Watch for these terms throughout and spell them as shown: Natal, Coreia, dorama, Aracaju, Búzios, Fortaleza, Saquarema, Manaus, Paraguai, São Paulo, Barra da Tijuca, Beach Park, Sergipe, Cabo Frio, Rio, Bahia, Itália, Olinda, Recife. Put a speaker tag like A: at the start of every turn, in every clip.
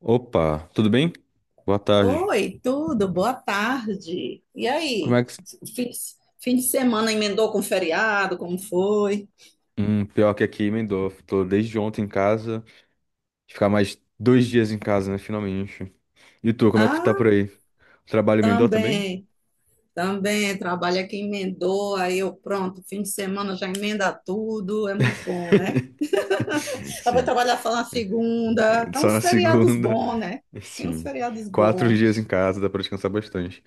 A: Opa, tudo bem? Boa tarde.
B: Oi, tudo, boa tarde. E
A: Como
B: aí?
A: é que.
B: Fim, fim de semana emendou com feriado, como foi?
A: Pior que aqui, emendou. Tô desde ontem em casa. Ficar mais 2 dias em casa, né? Finalmente. E tu, como é que tá por
B: Ah,
A: aí? Trabalho emendou também?
B: também, trabalho aqui emendou, aí eu pronto, fim de semana já emenda tudo, é muito bom, né? Eu vou
A: Sim.
B: trabalhar só na segunda, tá
A: Só
B: uns
A: na
B: feriados
A: segunda.
B: bons, né? Tem uns
A: Sim.
B: feriados
A: 4 dias em
B: bons,
A: casa, dá pra descansar bastante.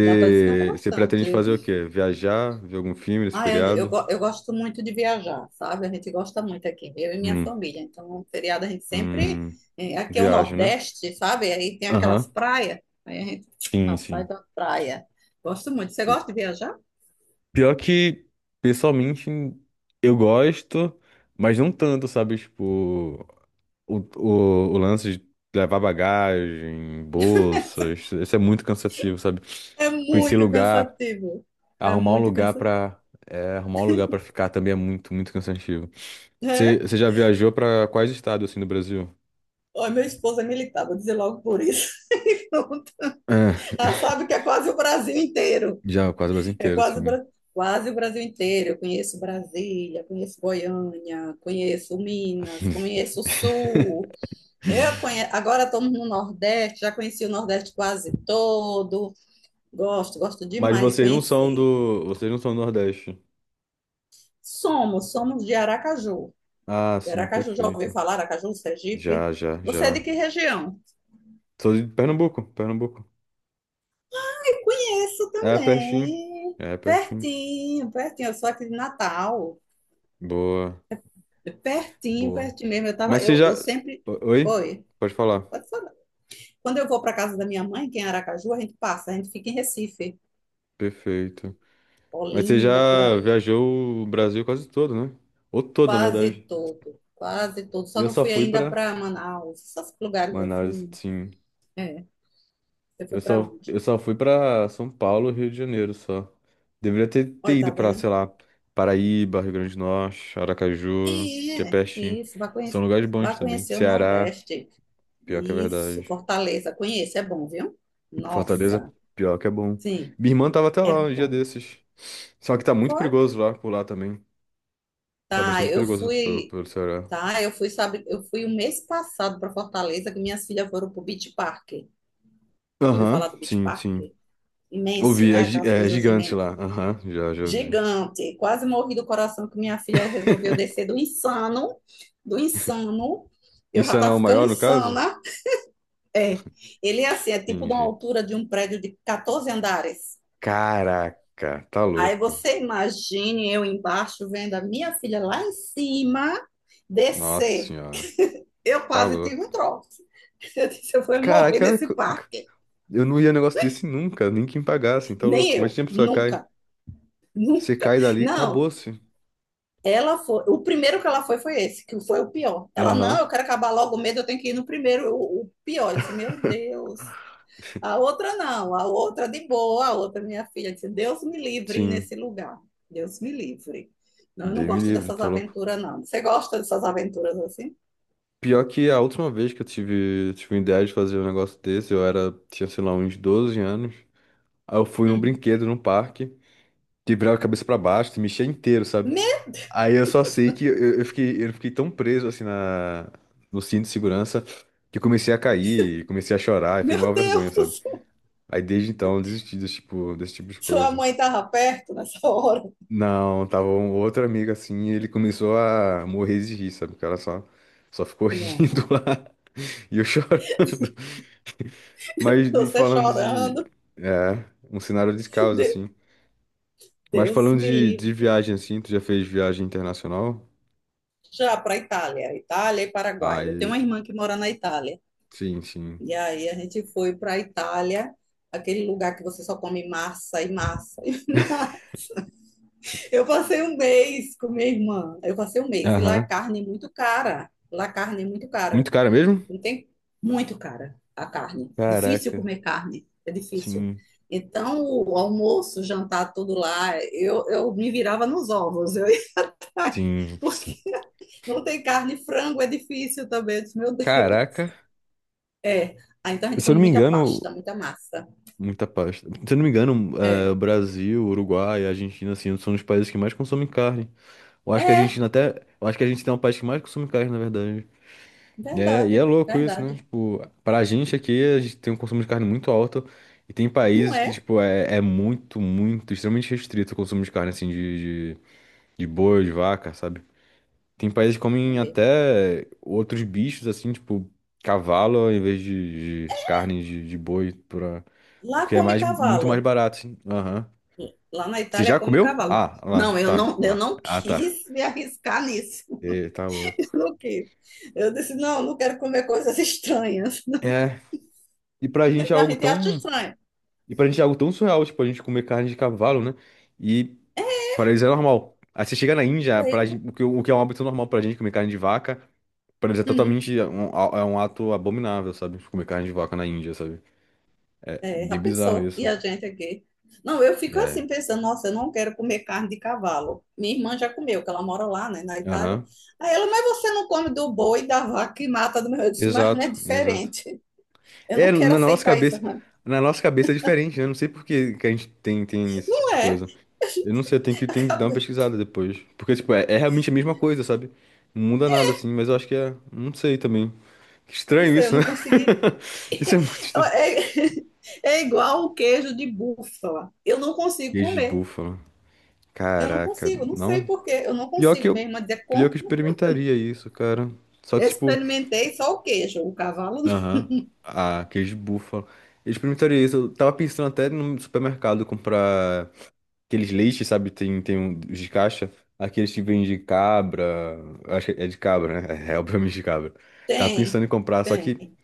B: dá para descansar
A: pretende
B: bastante.
A: fazer o quê? Viajar? Ver algum filme nesse
B: Ah,
A: feriado?
B: eu gosto muito de viajar, sabe? A gente gosta muito aqui, eu e minha
A: Hum,
B: família. Então, um feriado a gente sempre.
A: hum,
B: Aqui é o
A: Viagem, né?
B: Nordeste, sabe? Aí tem aquelas
A: Aham.
B: praias. Aí a gente
A: Sim,
B: ah, sai
A: sim.
B: da praia. Gosto muito. Você gosta de viajar?
A: Pior que, pessoalmente, eu gosto, mas não tanto, sabe? Tipo, o lance de levar bagagem, bolsas, isso é muito cansativo, sabe?
B: É
A: Conhecer
B: muito
A: lugar,
B: cansativo. É
A: arrumar um
B: muito
A: lugar
B: cansativo.
A: pra, arrumar um lugar pra ficar também é muito, muito cansativo. Você
B: É?
A: você já viajou pra quais estados, assim, do Brasil?
B: Olha, meu esposo é militar, vou dizer logo por isso.
A: É,
B: Ela sabe que é quase o Brasil inteiro.
A: já, quase o Brasil
B: É
A: inteiro,
B: quase,
A: assim.
B: Quase o Brasil inteiro. Eu conheço Brasília, conheço Goiânia, conheço Minas, conheço o Sul. Eu conhe... Agora estamos no Nordeste, já conheci o Nordeste quase todo. Gosto, gosto
A: Mas
B: demais de
A: vocês não são
B: conhecer.
A: do, vocês não são do Nordeste.
B: Somos, somos de Aracaju.
A: Ah,
B: De
A: sim,
B: Aracaju, já ouviu
A: perfeito.
B: falar? Aracaju, Sergipe?
A: Já, já,
B: Você é
A: já.
B: de que região?
A: Sou de Pernambuco, Pernambuco.
B: Conheço
A: É pertinho.
B: também.
A: É pertinho.
B: Pertinho, pertinho. Eu sou aqui de Natal.
A: Boa,
B: Pertinho,
A: boa.
B: pertinho mesmo. Eu tava,
A: Mas você
B: eu,
A: já.
B: eu sempre.
A: Oi?
B: Oi.
A: Pode falar.
B: Pode falar. Quando eu vou para casa da minha mãe, que é em Aracaju, a gente passa, a gente fica em Recife,
A: Perfeito. Mas você
B: Olinda, por
A: já
B: ali.
A: viajou o Brasil quase todo, né? Ou todo, na
B: Quase
A: verdade.
B: todo, quase todo. Só
A: Eu
B: não
A: só
B: fui
A: fui
B: ainda
A: pra
B: para Manaus, esses lugares
A: Manaus,
B: assim.
A: sim.
B: É, você
A: Eu
B: foi para
A: só,
B: onde?
A: eu só fui pra São Paulo, Rio de Janeiro, só. Deveria ter,
B: Olha, tá
A: ido pra,
B: vendo?
A: sei lá, Paraíba, Rio Grande do Norte, Aracaju, que é
B: É,
A: pertinho.
B: isso,
A: São lugares bons
B: vai
A: também.
B: conhecer o
A: Ceará,
B: Nordeste.
A: pior que é
B: Isso,
A: verdade.
B: Fortaleza, conheço, é bom, viu?
A: Fortaleza,
B: Nossa,
A: pior que é bom.
B: sim,
A: Minha irmã tava até
B: é
A: lá um dia
B: bom.
A: desses. Só que tá muito
B: Foi?
A: perigoso lá, por lá também. Tá
B: Tá,
A: bastante
B: eu
A: perigoso né, pelo,
B: fui,
A: pelo Ceará.
B: tá, eu fui, sabe, eu fui o mês passado para Fortaleza, que minhas filhas foram pro Beach Park. Ouviu
A: Aham,
B: falar do Beach
A: sim,
B: Park?
A: sim.
B: Imenso,
A: Ouvi,
B: né? Aquelas
A: é
B: coisas
A: gigante
B: imensas.
A: lá. Aham, já, já ouvi.
B: Gigante. Quase morri do coração que minha filha resolveu descer do insano, do insano. Eu já
A: Insana é
B: tá
A: o
B: ficando
A: maior, no caso?
B: insana. É. Ele é assim, é tipo de uma
A: Entendi.
B: altura de um prédio de 14 andares.
A: Caraca, tá
B: Aí
A: louco.
B: você imagine eu embaixo vendo a minha filha lá em cima
A: Nossa
B: descer.
A: senhora,
B: Eu
A: tá
B: quase tive
A: louco.
B: um troço. Eu disse, eu vou morrer
A: Caraca,
B: nesse parque.
A: eu não ia negócio desse nunca, nem quem pagasse, tá
B: Nem
A: louco. Mas
B: eu,
A: a pessoa que cai.
B: nunca,
A: Você
B: nunca.
A: cai dali,
B: Não,
A: acabou-se.
B: ela foi, o primeiro que ela foi foi esse, que foi o pior. Ela, não,
A: Aham,
B: eu quero acabar logo o medo, eu tenho que ir no primeiro, o pior. Eu disse, meu Deus. A outra não, a outra de boa, a outra minha filha disse, Deus me livre
A: sim.
B: nesse lugar. Deus me livre. Não, eu não
A: Dei-me
B: gosto
A: livre,
B: dessas
A: tá louco.
B: aventuras, não. Você gosta dessas aventuras assim?
A: Pior que a última vez que eu tive, ideia de fazer um negócio desse, eu era, tinha, sei lá, uns 12 anos. Aí eu fui num
B: Hum.
A: brinquedo, num parque, que virava a cabeça pra baixo, se mexia inteiro, sabe?
B: Meu,
A: Aí eu só sei que eu fiquei, eu fiquei tão preso, assim, no cinto de segurança, que eu comecei a cair, comecei a chorar, e foi
B: meu
A: uma vergonha,
B: Deus,
A: sabe? Aí desde então eu desisti desse tipo de
B: sua
A: coisa.
B: mãe estava perto nessa hora.
A: Não, tava um outro amigo assim, e ele começou a morrer de rir, sabe? O cara só ficou rindo
B: Não,
A: lá. E eu chorando. Mas e
B: você
A: falando de.
B: chorando.
A: É, um cenário de caos, assim. Mas
B: Deus
A: falando
B: me
A: de
B: livre.
A: viagem, assim, tu já fez viagem internacional?
B: Já para a Itália, Itália e Paraguai. Eu tenho
A: Aí,
B: uma irmã que mora na Itália.
A: sim, sim.
B: E aí a gente foi para a Itália, aquele lugar que você só come massa e massa. E massa. Eu passei um mês com minha irmã. Eu passei um mês e lá a
A: Aham.
B: carne é muito cara. Lá a carne é muito cara.
A: Muito cara mesmo?
B: Não tem muito cara a carne. Difícil
A: Caraca,
B: comer carne, é difícil.
A: sim.
B: Então, o almoço, o jantar, tudo lá, eu me virava nos ovos. Eu ia
A: Sim.
B: porque
A: Sim.
B: não tem carne, frango é difícil também. Eu disse, meu Deus.
A: Caraca.
B: É. Ah, então a gente
A: Se eu
B: come
A: não me
B: muita
A: engano,
B: pasta, muita massa.
A: Muita pasta. Se eu não me engano,
B: É.
A: Brasil, Uruguai, Argentina, assim, são os países que mais consomem carne. Eu acho que a
B: É,
A: Argentina até. Eu acho que a Argentina é um país que mais consome carne, na verdade. É, e é
B: verdade,
A: louco isso, né?
B: verdade.
A: Tipo, pra gente aqui, a gente tem um consumo de carne muito alto e tem
B: Não
A: países que,
B: é,
A: tipo, é muito, muito, extremamente restrito o consumo de carne, assim, de, boi, de vaca, sabe? Tem países que
B: é
A: comem
B: mesmo.
A: até outros bichos, assim, tipo, cavalo em vez de carne de boi, pra...
B: Lá
A: porque é
B: come
A: muito mais
B: cavalo.
A: barato, assim. Aham.
B: Lá na
A: Você
B: Itália
A: já
B: come
A: comeu?
B: cavalo.
A: Ah, lá,
B: Não,
A: tá,
B: eu
A: lá.
B: não
A: Ah, tá.
B: quis me arriscar nisso.
A: E, tá louco.
B: Eu não quis. Eu disse, não, não quero comer coisas estranhas.
A: É, e pra gente é
B: A
A: algo
B: gente acha
A: tão
B: estranho.
A: E pra gente é algo tão surreal, tipo, a gente comer carne de cavalo, né? E pra eles é normal. Aí você chega na Índia,
B: Pra
A: pra
B: ele, né?
A: gente, o que, é um hábito normal pra gente comer carne de vaca, pra eles é
B: Hum.
A: é um ato abominável, sabe? Comer carne de vaca na Índia, sabe? É
B: É, já
A: bem bizarro
B: pensou? E
A: isso.
B: a gente aqui? Não, eu fico
A: É.
B: assim pensando, nossa, eu não quero comer carne de cavalo. Minha irmã já comeu, que ela mora lá, né, na Itália.
A: Aham.
B: Aí ela, mas você não come do boi, da vaca que mata do meu. Eu disse, mas não é
A: Exato, exato.
B: diferente. Eu não
A: É,
B: quero
A: na nossa
B: aceitar isso.
A: cabeça,
B: Ela, mas
A: na nossa cabeça é diferente, né? Eu não sei por que que a gente tem, esse tipo
B: não
A: de
B: é,
A: coisa. Eu não sei, eu tenho que dar uma
B: cadê?
A: pesquisada depois. Porque, tipo, é realmente a mesma coisa, sabe? Não muda nada, assim, mas eu acho que é. Não sei também. Que
B: Não
A: estranho
B: sei, eu
A: isso, né?
B: não conseguiria.
A: Isso é muito estranho.
B: É, é igual o queijo de búfala. Eu não consigo
A: Queijo de
B: comer.
A: búfalo.
B: Eu não
A: Caraca,
B: consigo, não sei
A: não.
B: por quê. Eu não
A: Pior que
B: consigo.
A: eu,
B: Minha irmã dizia,
A: pior que
B: com...
A: eu experimentaria isso, cara. Só que, tipo,
B: experimentei só o queijo, o cavalo não
A: aham, ah, queijo de búfalo. Eu experimentaria isso. Eu tava pensando até no supermercado comprar aqueles leites, sabe? Tem um, os de caixa. Aqueles que vêm de cabra. Eu acho que é de cabra, né? É obviamente de cabra. Tava
B: tem.
A: pensando em comprar, só que
B: Tem,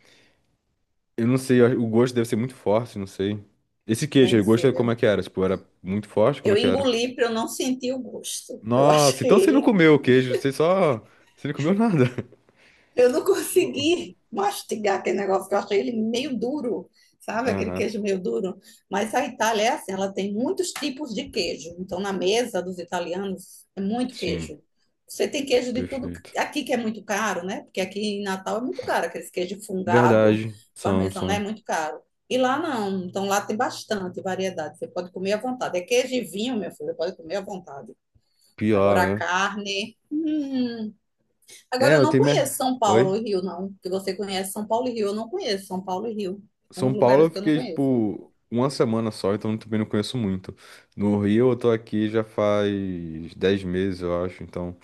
A: eu não sei, o gosto deve ser muito forte, não sei. Esse queijo aí,
B: deve
A: o gosto
B: ser,
A: é como é
B: viu?
A: que era? Tipo, era muito forte? Como é
B: Eu
A: que era?
B: engoli para eu não sentir o gosto. Eu
A: Nossa,
B: achei
A: então você não
B: ele.
A: comeu o queijo, você só. Você não comeu nada.
B: Eu não
A: O-
B: consegui mastigar aquele negócio, que eu achei ele meio duro, sabe? Aquele
A: Aham,
B: queijo meio duro. Mas a Itália é assim, ela tem muitos tipos de queijo. Então, na mesa dos italianos, é muito
A: sim,
B: queijo. Você tem queijo de tudo
A: perfeito.
B: aqui que é muito caro, né? Porque aqui em Natal é muito caro, aquele queijo fungado,
A: Verdade, são,
B: parmesão, né? É
A: são.
B: muito caro. E lá não, então lá tem bastante variedade, você pode comer à vontade. É queijo e vinho, meu filho, você pode comer à vontade. Agora a
A: Pior, né?
B: carne. Hum.
A: É,
B: Agora eu
A: eu
B: não
A: tenho.
B: conheço São Paulo e
A: Oi?
B: Rio, não. Que você conhece São Paulo e Rio, eu não conheço São Paulo e Rio. São
A: São
B: uns
A: Paulo eu
B: lugares que eu não
A: fiquei,
B: conheço.
A: tipo, uma semana só, então também não conheço muito. No Rio eu tô aqui já faz 10 meses, eu acho, então.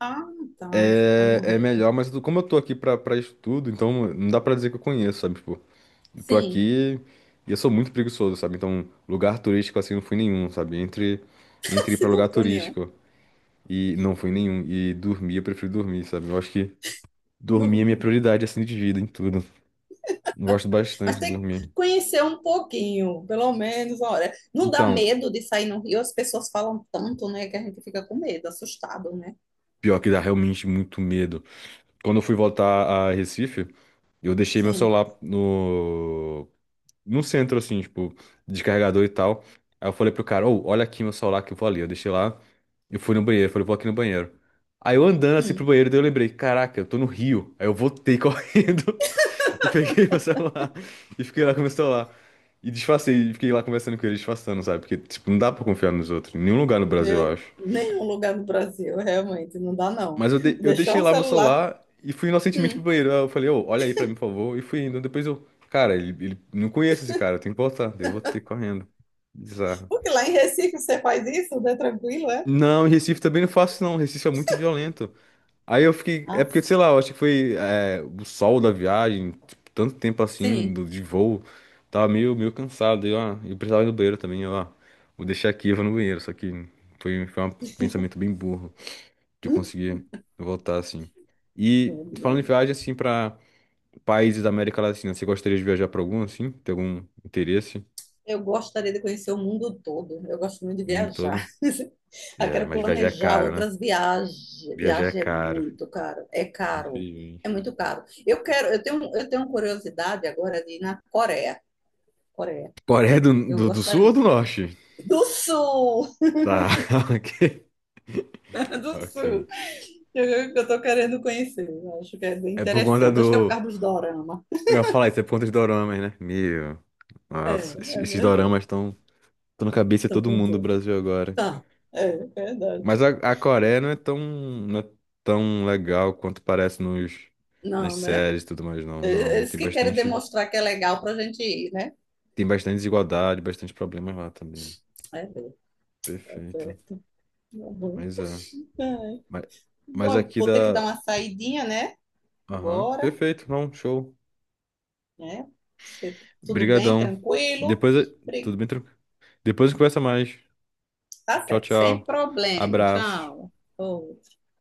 B: Ah, tá. Você tá
A: É,
B: no
A: é
B: Rio.
A: melhor, mas como eu tô aqui pra, estudo, então não dá pra dizer que eu conheço, sabe? Tipo, eu tô
B: Sim.
A: aqui e eu sou muito preguiçoso, sabe? Então, lugar turístico assim não fui nenhum, sabe? entre ir
B: Se
A: pra
B: não
A: lugar
B: for nenhum.
A: turístico e não fui nenhum. E dormir, eu prefiro dormir, sabe? Eu acho que
B: No
A: dormir é minha
B: Rio.
A: prioridade assim de vida em tudo. Eu gosto bastante
B: Mas
A: de
B: tem que
A: dormir.
B: conhecer um pouquinho, pelo menos, olha. Não dá
A: Então,
B: medo de sair no Rio, as pessoas falam tanto, né, que a gente fica com medo, assustado, né?
A: pior que dá realmente muito medo. Quando eu fui voltar a Recife, eu deixei meu
B: Sim.
A: celular no centro, assim, tipo, descarregador e tal. Aí eu falei pro cara, ô, olha aqui meu celular que eu vou ali. Eu deixei lá e fui no banheiro. Falei, vou aqui no banheiro. Aí eu andando assim pro
B: Hum.
A: banheiro, daí eu lembrei, caraca, eu tô no Rio. Aí eu voltei correndo e peguei meu celular e fiquei lá com meu celular. E disfarcei, e fiquei lá conversando com ele, disfarçando, sabe? Porque, tipo, não dá pra confiar nos outros. Em nenhum lugar no Brasil, eu
B: Meu,
A: acho.
B: nenhum lugar no Brasil, realmente, não dá, não.
A: Mas eu, eu
B: Deixar
A: deixei
B: o
A: lá meu
B: celular.
A: celular e fui inocentemente pro
B: Hum.
A: banheiro. Aí eu falei, ô, olha aí pra mim, por favor. E fui indo. Depois eu, cara, ele, não conheço esse cara, eu tenho que voltar. Daí eu vou ter correndo. Bizarro.
B: Porque lá em Recife você faz isso, né? Tranquilo, é?
A: Não, em Recife também não faço, não. Recife é muito violento. Aí eu fiquei. É
B: Ah,
A: porque, sei lá, eu acho que foi o sol da viagem, tipo, tanto tempo assim,
B: sim.
A: de voo. Tava meio cansado. E, ó, eu precisava ir no banheiro também. Eu, ó, vou deixar aqui, eu vou no banheiro. Só que foi, um pensamento bem burro, de eu
B: Hum,
A: conseguir voltar, assim. E falando em viagem, assim, pra países da América Latina, você gostaria de viajar pra algum, assim? Tem algum interesse?
B: eu gostaria de conhecer o mundo todo. Eu gosto muito de
A: O mundo
B: viajar.
A: todo?
B: Eu
A: É,
B: quero
A: mas viajar é
B: planejar
A: caro, né?
B: outras viagens.
A: Viajar é
B: Viagem é
A: caro.
B: muito caro. É caro. É
A: Infelizmente.
B: muito caro. Eu quero, eu tenho curiosidade agora de ir na Coreia. Coreia.
A: Coreia do,
B: Eu
A: do, do Sul ou
B: gostaria.
A: do Norte?
B: Do Sul!
A: Tá, ok.
B: Do
A: Ok.
B: Sul. Tô querendo conhecer. Eu acho que é bem
A: É por conta
B: interessante. Acho que é por
A: do.
B: causa dos dorama.
A: Eu ia falar isso, é por conta dos doramas, né? Meu.
B: É,
A: Nossa, esses,
B: é
A: esses doramas
B: verdade.
A: estão na cabeça de
B: Estão
A: todo
B: com
A: mundo do
B: tudo.
A: Brasil agora.
B: Tá, é
A: Mas
B: verdade.
A: a Coreia não é tão, legal quanto parece nas
B: Não, né?
A: séries e tudo mais, não. Não,
B: Eles
A: tem
B: que querem
A: bastante,
B: demonstrar que é legal para a gente ir, né?
A: tem bastante desigualdade, bastante problemas lá também.
B: É, tá
A: Perfeito.
B: certo. Uhum.
A: Mas é.
B: É.
A: Mas,
B: Bom,
A: mas
B: eu
A: aqui
B: vou ter que dar
A: da.
B: uma saidinha, né?
A: Aham.
B: Agora,
A: Perfeito, não, show.
B: né? Se- Tudo bem,
A: Brigadão.
B: tranquilo?
A: Depois, tudo
B: Obri-
A: bem tranquilo. Depois a gente conversa mais.
B: Tá
A: Tchau,
B: certo, sem
A: tchau.
B: problema.
A: Abraços.
B: Tchau. Ô.